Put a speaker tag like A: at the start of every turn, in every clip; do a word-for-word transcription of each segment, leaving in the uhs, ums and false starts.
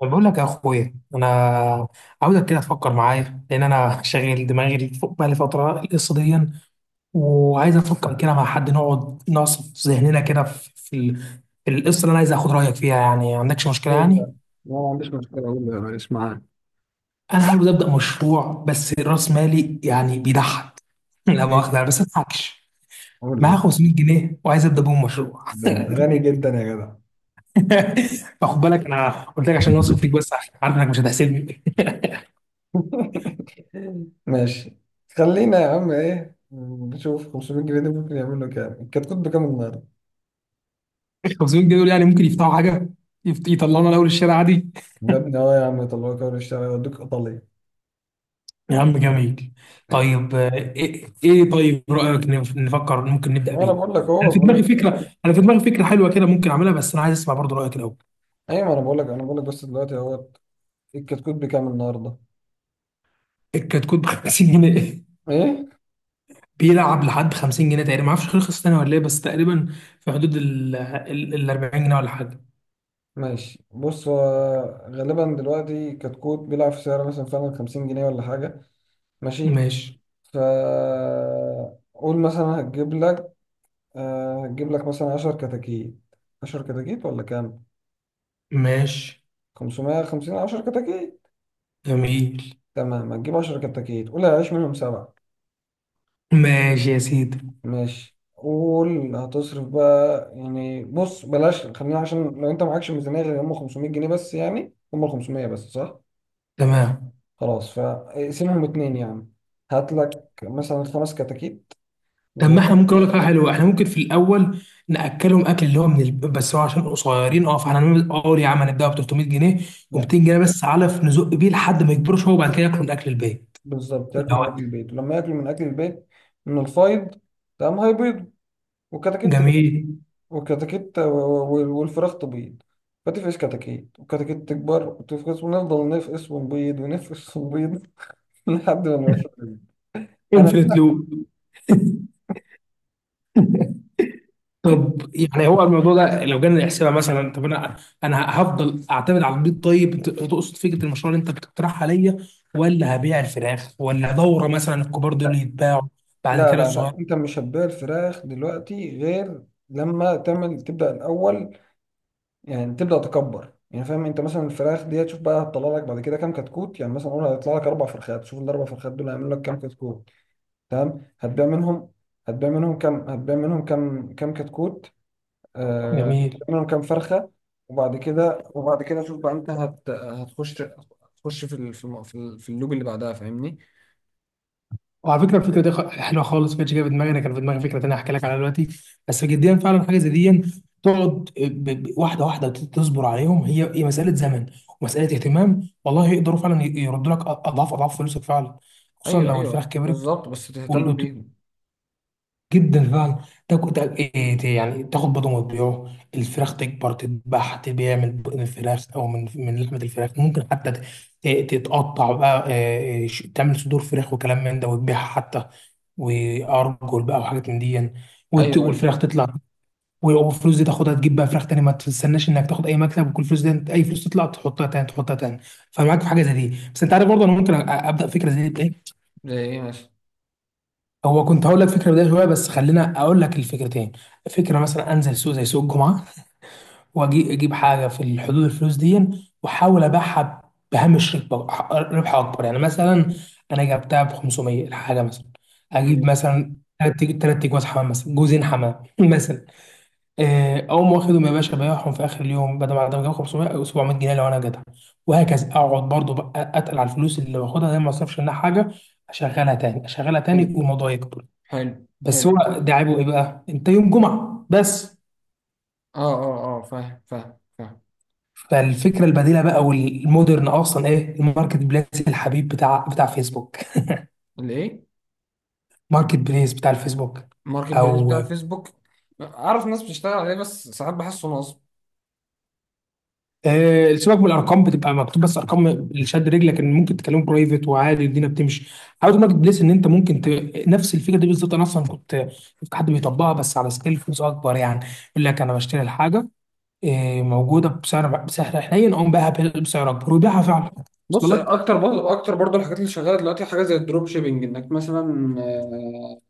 A: طب بقول لك يا اخويا انا عاوزك كده تفكر معايا لان انا شاغل دماغي فوق بقالي فتره القصه دي، وعايز افكر كده مع حد نقعد نعصف ذهننا كده في في ال- في القصه اللي انا عايز اخد رايك فيها، يعني ما عندكش مشكله
B: إيه ده؟
A: يعني.
B: لا، ما عنديش مشكلة. أقول له ماليش معاه.
A: انا عاوز ابدا مشروع بس راس مالي يعني بيضحك لا
B: إيه؟
A: مؤاخذه أنا بس ما اضحكش.
B: أقول
A: معايا
B: له
A: خمسمية جنيه وعايز ابدا بهم مشروع
B: ده انت غني جدا يا جدع.
A: فخد بالك انا قلت لك عشان اوصل فيك، بس عشان عارف انك مش هتحسدني.
B: ماشي. خلينا يا عم ايه نشوف خمسمية جنيه دي ممكن يعمل له كام، الكتكوت بكام النهارده؟
A: خمسمية جنيه دول يعني ممكن يفتحوا حاجه، يفت- يطلعونا لاول الشارع عادي.
B: يا ابني اه يا عم يطلعوك اول، يشتغل يودوك ايطاليا.
A: يا عم جميل. طيب آه، ايه إيه، طيب رايك نف- نفكر ممكن نبدا
B: وانا
A: بيه.
B: بقول لك
A: انا
B: اهو
A: في
B: بقول
A: دماغي
B: لك.
A: فكره، انا في دماغي فكره حلوه كده ممكن اعملها، بس انا عايز اسمع برضو رايك الاول.
B: ايوه، ما انا بقول لك انا بقول لك بس دلوقتي اهو. الكتكوت بكام النهارده؟
A: الكتكوت ب خمسين جنيه
B: ايه.
A: بيلعب لحد خمسين جنيه تقريبا. ما اعرفش رخص تاني ولا ايه، بس تقريبا في حدود ال ال- ال اربعين جنيه ولا حاجه.
B: ماشي، بص، هو غالبا دلوقتي الكتكوت بيلعب في سعر مثلا فعلا خمسين جنيه ولا حاجه. ماشي.
A: ماشي.
B: فقول مثلا هتجيب لك آه، هتجيب لك مثلا عشرة كتاكيت. عشر كتاكيت ولا كام؟
A: ماشي.
B: خمسمية وخمسين، عشر كتاكيت.
A: جميل.
B: تمام، هتجيب عشرة كتاكيت، قول هيعيش منهم سبعة.
A: ماشي يا سيدي.
B: ماشي، قول هتصرف بقى يعني، بص بلاش، خلينا عشان لو انت معكش ميزانية غير هم خمسمائة جنيه بس، يعني هم خمسمية بس، صح؟
A: تمام.
B: خلاص فاقسمهم اتنين يعني. هات لك مثلا خمس كتاكيت
A: طب
B: و...
A: ما احنا ممكن اقول لك حاجه حلوه، احنا ممكن في الاول ناكلهم اكل اللي هو من الب... بس هو عشان قصيرين اه، فاحنا هنعمل اه يا عم هنديها ب تلتمية جنيه، و200 جنيه بس علف نزق بيه لحد ما يكبرش هو، وبعد كده ياكلوا من اكل البيت
B: بالظبط،
A: اللي
B: ياكلوا من
A: هو.
B: اكل البيت، ولما ياكلوا من اكل البيت من الفايض. تمام، هيبيضوا، والكتاكيت تف-
A: جميل
B: والكتاكيت و- و- والفراخ تبيض. فتفقس كتاكيت، والكتاكيت تكبر وتفقس، ونفضل نفقس ونبيض ونفقس ونبيض، لحد ما نوصل. انا
A: انفينيت
B: لا،
A: لوب. طب يعني هو الموضوع ده لو جينا نحسبها، مثلا طب انا انا هفضل اعتمد على البيض. طيب انت تقصد فكره المشروع اللي انت بتقترحها ليا، ولا هبيع الفراخ، ولا دوره مثلا الكبار دول يتباعوا بعد
B: لا،
A: كده
B: لا،
A: الصغير.
B: لا. انت مش هتبيع الفراخ دلوقتي غير لما تعمل تبدا الاول. يعني تبدا تكبر يعني، فاهم؟ انت مثلا الفراخ دي هتشوف بقى هتطلع لك بعد كده كام كتكوت، يعني مثلا قول هيطلع لك اربع فرخات، شوف الاربع فرخات دول هيعملوا لك كام كتكوت. تمام هتبيع منهم، هتبيع منهم كم، هتبيع منهم كم كم كتكوت. آه
A: جميل.
B: هتبيع منهم كم فرخة. وبعد كده، وبعد كده شوف بقى انت هت هتخش هتخش في ال- في الم- في ال- في اللوب اللي بعدها، فاهمني؟
A: وعلى فكره الفكره دي خ- حلوه خالص، ما كانتش جايه في دماغي. انا كان في دماغي فكره تانيه هحكي لك عليها دلوقتي، بس جديا فعلا حاجه زي دي تقعد ب- ب- واحده واحده ت- تصبر عليهم. هي هي مساله زمن ومساله اهتمام، والله يقدروا فعلا ي- يردوا لك أ- اضعاف اضعاف فلوسك فعلا، خصوصا
B: ايوه،
A: لو الفراخ
B: ايوه،
A: كبرت
B: بالظبط بس تهتم بيهم.
A: جدا فعلا. تاكل تاكل- إيه ت- يعني تاخد بيضه وتبيعه، الفراخ تكبر تتباع، تبيع من بطن الفراخ، او من من لحمه الفراخ ممكن حتى ت- ت- تتقطع بقى، آه، آه، ش- تعمل صدور فراخ وكلام من ده وتبيعها حتى، وارجل بقى وحاجات من دي يعني. وت-
B: ايوه، ايوه،
A: والفراخ تطلع، والفلوس دي تاخدها تجيب بقى فراخ تاني، ما تستناش انك تاخد اي مكسب، وكل فلوس دي أنت- اي فلوس تطلع تحطها تاني تحطها تاني. فمعاك في حاجه زي دي، بس انت عارف برضه انا ممكن أ- ابدا فكره زي دي.
B: زي ايه مثلا؟
A: هو كنت هقول لك فكره بدايه شويه، بس خلينا اقول لك الفكرتين. فكره مثلا انزل سوق زي سوق الجمعه، واجي اجيب حاجه في حدود الفلوس دي، واحاول ابيعها بهامش ربح ربح اكبر. يعني مثلا انا جبتها ب خمس ميه الحاجه، مثلا اجيب
B: ماشي،
A: مثلا ثلاث ثلاث جواز حمام، مثلا جوزين حمام مثلا. آه، اقوم واخدهم يا باشا بيعهم في اخر اليوم، بدل ما انا جايب خمسمية او سبعمية جنيه لو انا جدع. وهكذا اقعد برضو بقى اتقل على الفلوس اللي باخدها دي، ما اصرفش منها حاجه، اشغلها تاني اشغلها
B: حلو،
A: تاني والموضوع يكبر.
B: حلو،
A: بس
B: حلو،
A: هو ده عيبه ايه بقى، انت يوم جمعه بس.
B: اه، اه، اه، فاهم، فاهم، فاهم.
A: فالفكره البديله بقى والمودرن اصلا ايه، الماركت بليس الحبيب بتاع بتاع فيسبوك
B: الايه؟
A: ماركت بليس بتاع الفيسبوك.
B: ماركت بليس
A: او
B: بتاع الفيسبوك. اعرف ناس بتشتغل عليه، بس ساعات بحسه نصب.
A: آه سيبك من الارقام بتبقى مكتوب بس، ارقام اللي شاد رجلك ان ممكن تكلمه برايفت، وعادي الدنيا بتمشي. حاول ماركت بليس ان انت ممكن ت... نفس الفكره دي بالظبط. انا اصلا كنت شفت حد بيطبقها بس على سكيل فلوس اكبر يعني، يقول لك انا بشتري الحاجه آه موجوده بسعر بسعر حنين، اقوم بيعها بسعر اكبر ويبيعها فعلا. وصل
B: بص،
A: لك؟
B: اكتر برضه اكتر برضه الحاجات اللي شغاله دلوقتي حاجه زي الدروب شيبنج، انك مثلا آه،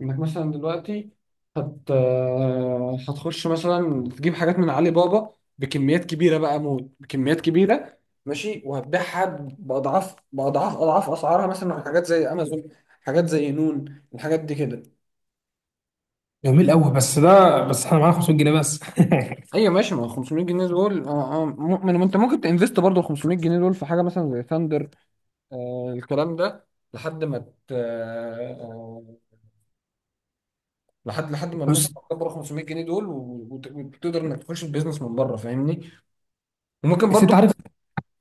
B: انك مثلا دلوقتي هت آه، هتخش مثلا تجيب حاجات من علي بابا بكميات كبيره بقى موت، بكميات كبيره. ماشي، وهتبيعها باضعاف باضعاف اضعاف اسعارها، مثلا على حاجات زي امازون، حاجات زي نون، الحاجات دي كده.
A: جميل قوي، بس ده بس احنا معانا خمسمية جنيه بس
B: ايوه، ماشي. ما هو خمسمية جنيه دول اه اه م- ما ما انت ممكن تنفست برضه ال خمسمائة جنيه دول في حاجه مثلا زي ثاندر. آه الكلام ده لحد ما ت- آه آه، لحد لحد ما الناس
A: بص
B: هتكبر خمسمية جنيه دول، و- وت- وتقدر انك تخش البيزنس من بره، فاهمني؟ وممكن
A: بس
B: برضو.
A: انت عارف،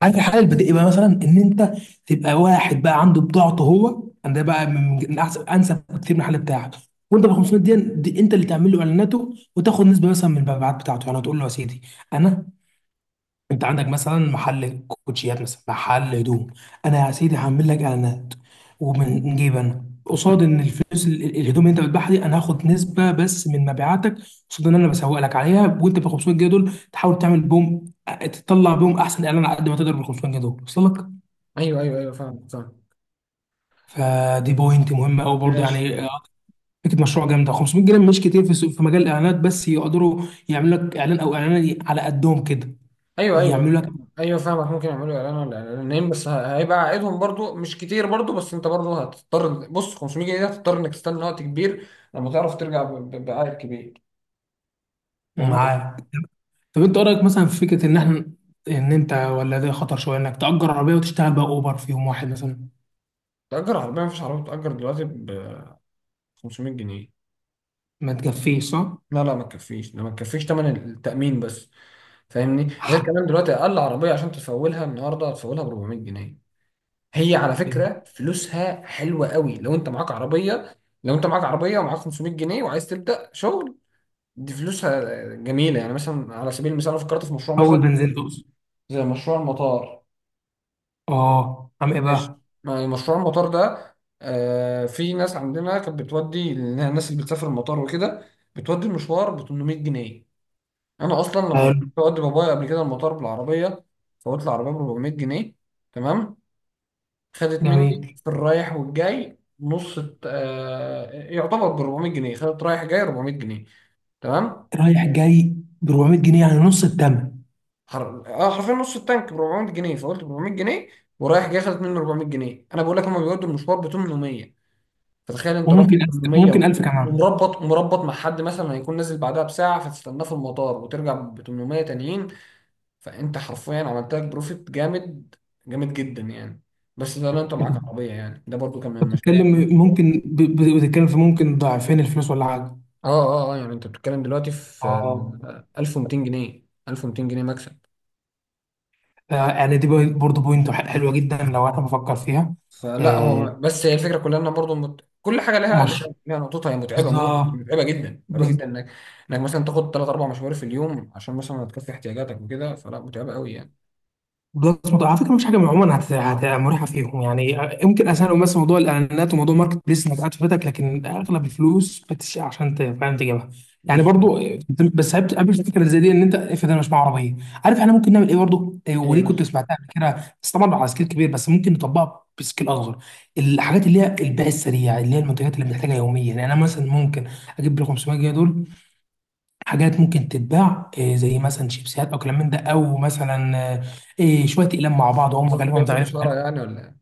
A: عارف الحل البديهي بقى مثلا ان انت تبقى واحد بقى عنده بضاعته هو، ده بقى من من احسن انسب كتير من الحل بتاعك. وانت ب خمسمية دي, دي انت اللي تعمل له اعلاناته وتاخد نسبه مثلا من المبيعات بتاعته. يعني تقول له يا سيدي انا، انت عندك مثلا محل كوتشيات مثلا محل هدوم، انا يا سيدي هعمل لك اعلانات، ومن جيب انا قصاد ان الفلوس ال- ال- الهدوم اللي انت بتبيعها دي انا هاخد نسبه بس من مبيعاتك، قصاد ان انا بسوق لك عليها. وانت ب خمسمية جنيه دول تحاول تعمل بهم تطلع بهم احسن اعلان على قد ما تقدر ب خمسمية جنيه دول. وصل لك؟
B: ايوه، ايوه، ايوه، فاهم، فاهم.
A: فدي بوينت مهمه قوي برضه
B: ماشي.
A: يعني اه، فكره مشروع جامده. خمسمية جنيه مش كتير في سوق- في مجال الاعلانات، بس يقدروا يعملوا لك اعلان او اعلان على قدهم كده.
B: ايوه، ايوه،
A: يعملوا لك.
B: ايوه، فاهمك. ممكن يعملوا اعلان ولا اعلانين، بس ه- هيبقى عائدهم برضو مش كتير برضو، بس انت برضو هتضطر. بص، خمسمائة جنيه ده هتضطر انك تستنى وقت كبير لما تعرف ترجع ب- ب- بعائد كبير، فاهمني؟
A: معاه. طب انت ايه رايك مثلا في فكره ان احنا، ان انت، ولا ده خطر شويه، انك تأجر عربيه وتشتغل بقى اوبر في يوم واحد مثلا.
B: تأجر عربية؟ مفيش عربية بتأجر دلوقتي ب خمسمائة جنيه.
A: ما تكفيش صح؟
B: لا، لا، ما تكفيش، ده ما تكفيش تمن التأمين بس، فاهمني؟ غير كمان دلوقتي اقل عربيه عشان تفولها النهارده هتفولها ب اربعمائة جنيه. هي على فكره فلوسها حلوه قوي لو انت معاك عربيه. لو انت معاك عربيه ومعاك خمسمية جنيه وعايز تبدا شغل، دي فلوسها جميله. يعني مثلا على سبيل المثال انا فكرت في مشروع مثلا
A: اول بنزين تقصد.
B: زي مشروع المطار.
A: اه عم ايه
B: ماشي،
A: بقى؟
B: ما- مشروع المطار ده، آه في ناس عندنا كانت بتودي الناس اللي بتسافر المطار وكده، بتودي المشوار ب تمنمية جنيه. انا اصلا لما جربت
A: حلو.
B: اودي بابايا قبل كده المطار بالعربيه، فوت العربيه ب اربعمية جنيه. تمام، خدت مني
A: جميل.
B: في الرايح والجاي نص. آه يعتبر ب اربعمية جنيه، خدت رايح جاي اربعمائة جنيه. تمام.
A: رايح جاي ب اربعمية جنيه، يعني نص الثمن.
B: حر... اه حرفيا نص التانك ب اربعمائة جنيه، فقلت ب اربعمائة جنيه ورايح جاي، خدت مني اربعمائة جنيه. انا بقول لك هما بيودوا المشوار ب ثمانمائة، فتخيل انت رحت
A: وممكن ألف، ممكن
B: تمنمية
A: ألف كمان.
B: ومربط، مربط مع حد مثلا هيكون نازل بعدها بساعه، فتستناه في المطار وترجع ب تمنمية تانيين. فانت حرفيا عملت لك بروفيت جامد، جامد جدا يعني. بس ده لو انت
A: انت
B: معاك
A: أنت
B: عربيه يعني، ده برضو كان من المشاريع يعني.
A: بتتكلم ممكن ب- ب- بتتكلم في ممكن ضعفين الفلوس ولا حاجه.
B: اه اه اه يعني انت بتتكلم دلوقتي في
A: اه.
B: آه، ألف ومتين جنيه، ألف ومتين جنيه مكسب.
A: آه، يعني دي بوي- برضه بوينت حلوه جدا لو انا بفكر فيها.
B: فلا،
A: آه،
B: هو بس هي الفكره كلها ان برضو مت... كل حاجه لها، لها
A: مشروع.
B: لها نقطتها. هي متعبه، مو-
A: بالظبط.
B: متعبه جدا، متعبه جدا انك، انك مثلا تاخد ثلاث اربع مشوار في اليوم عشان مثلا تكفي احتياجاتك وكده، فلا متعبه قوي يعني.
A: بلس موضوع على فكره، مفيش حاجه عموما هت- هت- مريحه فيهم يعني، يمكن اسهل بس موضوع الاعلانات وموضوع ماركت بليس انك قاعد في بيتك، لكن اغلب الفلوس بتشيء عشان ت- فاهم تجيبها يعني
B: بالظبط.
A: برضو. بس قابل قابل الفكره زي دي، ان انت افرض انا مش معايا عربيه، عارف احنا ممكن نعمل ايه برضو. إيه،
B: ايه
A: ودي كنت
B: مثلا؟
A: سمعتها قبل كده بس طبعا على سكيل كبير، بس ممكن نطبقها بسكيل اصغر. الحاجات اللي هي البيع السريع، اللي هي المنتجات اللي بنحتاجها يوميا. يعني انا مثلا ممكن اجيب ال خمسمية جنيه دول حاجات ممكن تتباع، إيه، زي مثلا شيبسيات او كلام من ده، او مثلا آه، إيه، شويه اقلام مع بعض، هم
B: شفت
A: غالبا
B: بيها في
A: مزيفين
B: الاشاره
A: حالهم.
B: يعني ولا إيه؟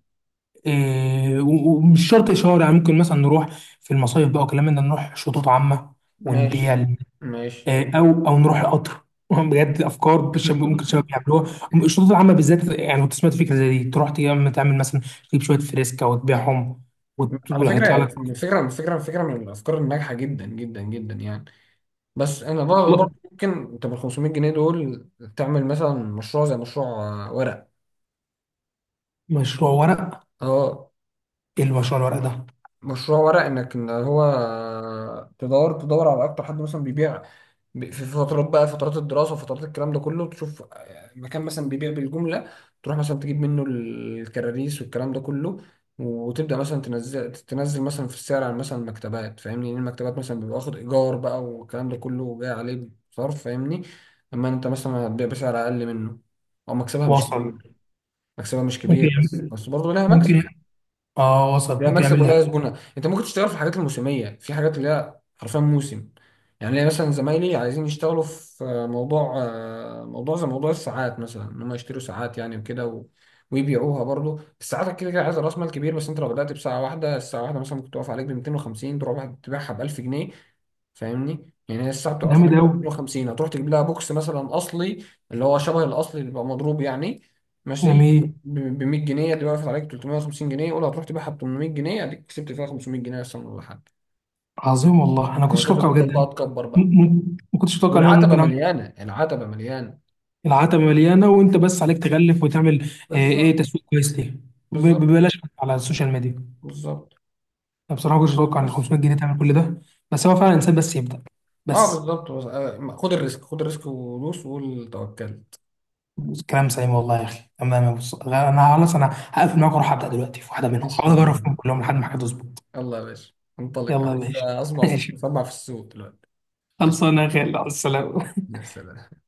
A: إيه، و- ومش شرط اشاره يعني، ممكن مثلا نروح في المصايف بقى وكلام من ده، نروح شطوط عامه ونبيع
B: ماشي،
A: ال-
B: ماشي.
A: إيه، او او نروح القطر بجد، افكار بش- ممكن الشباب يعملوها. الشطوط العامه بالذات، يعني كنت سمعت فكره زي دي، تروح تعمل تعمل مثلا، تجيب شويه فريسكا وتبيعهم. وت-
B: على
A: وهيطلع
B: فكرة،
A: لك
B: فكرة فكرة فكرة من الأفكار الناجحة جدا جدا جدا يعني. بس أنا بر-
A: والله.
B: برضه ممكن أنت بال خمسمية جنيه دول تعمل مثلا مشروع زي مشروع آه، ورق.
A: مشروع ورق.
B: أه،
A: ايه المشروع الورق ده.
B: مشروع ورق. انك ان هو تدور، تدور على اكتر حد مثلا بيبيع ب- في فترات بقى، فترات الدراسه وفترات الكلام ده كله، تشوف مكان مثلا بيبيع بالجمله، تروح مثلا تجيب منه الكراريس والكلام ده كله، وتبدا مثلا تنزل، تنزل مثلا في السعر عن مثلا المكتبات، فاهمني؟ لان المكتبات مثلا بيبقى واخد ايجار بقى، والكلام ده كله جاي عليه صرف، فاهمني؟ اما انت مثلا هتبيع بسعر اقل منه، او مكسبها مش
A: وصل
B: كبير، مكسبها مش
A: ممكن
B: كبير بس،
A: يعمل
B: بس برضه لها
A: ممكن.
B: مكسب.
A: اه وصل
B: لا
A: ممكن
B: مكسب
A: يعمل لي
B: ولا
A: حاجة.
B: زبونه، انت ممكن تشتغل في الحاجات الموسميه، في حاجات اللي هي حرفيا موسم. يعني ليا مثلا زمايلي عايزين يشتغلوا في موضوع، آه، موضوع زي موضوع الساعات مثلا، ان هم يشتروا ساعات يعني وكده و... ويبيعوها برضه. الساعات كده كده عايزه راس مال كبير، بس انت لو بدات بساعه واحده، الساعه واحده مثلا ممكن تقف عليك ب مئتين وخمسين تروح تبيعها ب ألف جنيه، فاهمني؟ يعني هي الساعه بتبقى
A: جامد
B: عليك
A: قوي.
B: مئتين وخمسين، هتروح تجيب لها بوكس مثلا اصلي، اللي هو شبه الاصلي اللي بيبقى مضروب يعني، ماشي،
A: جميل.
B: ب مية جنيه، دي وقفت عليك تلتمية وخمسين جنيه، قول هتروح تبيعها ب تمنمية جنيه، اديك كسبت فيها خمسمية جنيه اصلا ولا حاجه.
A: عظيم والله، انا كنتش
B: وهكذا
A: اتوقع بجد
B: تفضل بقى
A: يعني.
B: تكبر
A: م-
B: بقى،
A: م- ما كنتش اتوقع ان انا
B: والعتبه
A: ممكن اعمل.
B: مليانه، العتبه مليانه.
A: العتبه مليانه، وانت بس عليك تغلف وتعمل آه، ايه
B: بالظبط،
A: تسويق كويس ليه، ب-
B: بالظبط،
A: ببلاش على السوشيال ميديا.
B: بالظبط.
A: انا بصراحه ما كنتش اتوقع ان
B: بس
A: خمسمية جنيه تعمل كل ده. بس هو فعلا انسان بس يبدا
B: اه
A: بس.
B: بالظبط. بس- آه، خد الريسك، خد الريسك، ودوس وقول توكلت.
A: كلام سليم والله يا اخي. تمام يا بص، انا خلاص، انا هقفل معاك واروح ابدا دلوقتي في واحده منهم،
B: ماشي
A: هقعد
B: يا
A: اجرب فيهم
B: عم.
A: كلهم لحد ما حاجه تظبط.
B: يلا يا باشا، انطلق،
A: يلا يا
B: عايز
A: باشا
B: اسمع صوتك
A: ماشي.
B: مسمع في السوق دلوقتي.
A: خلصانه يا غالي، على السلامه.
B: يا سلام.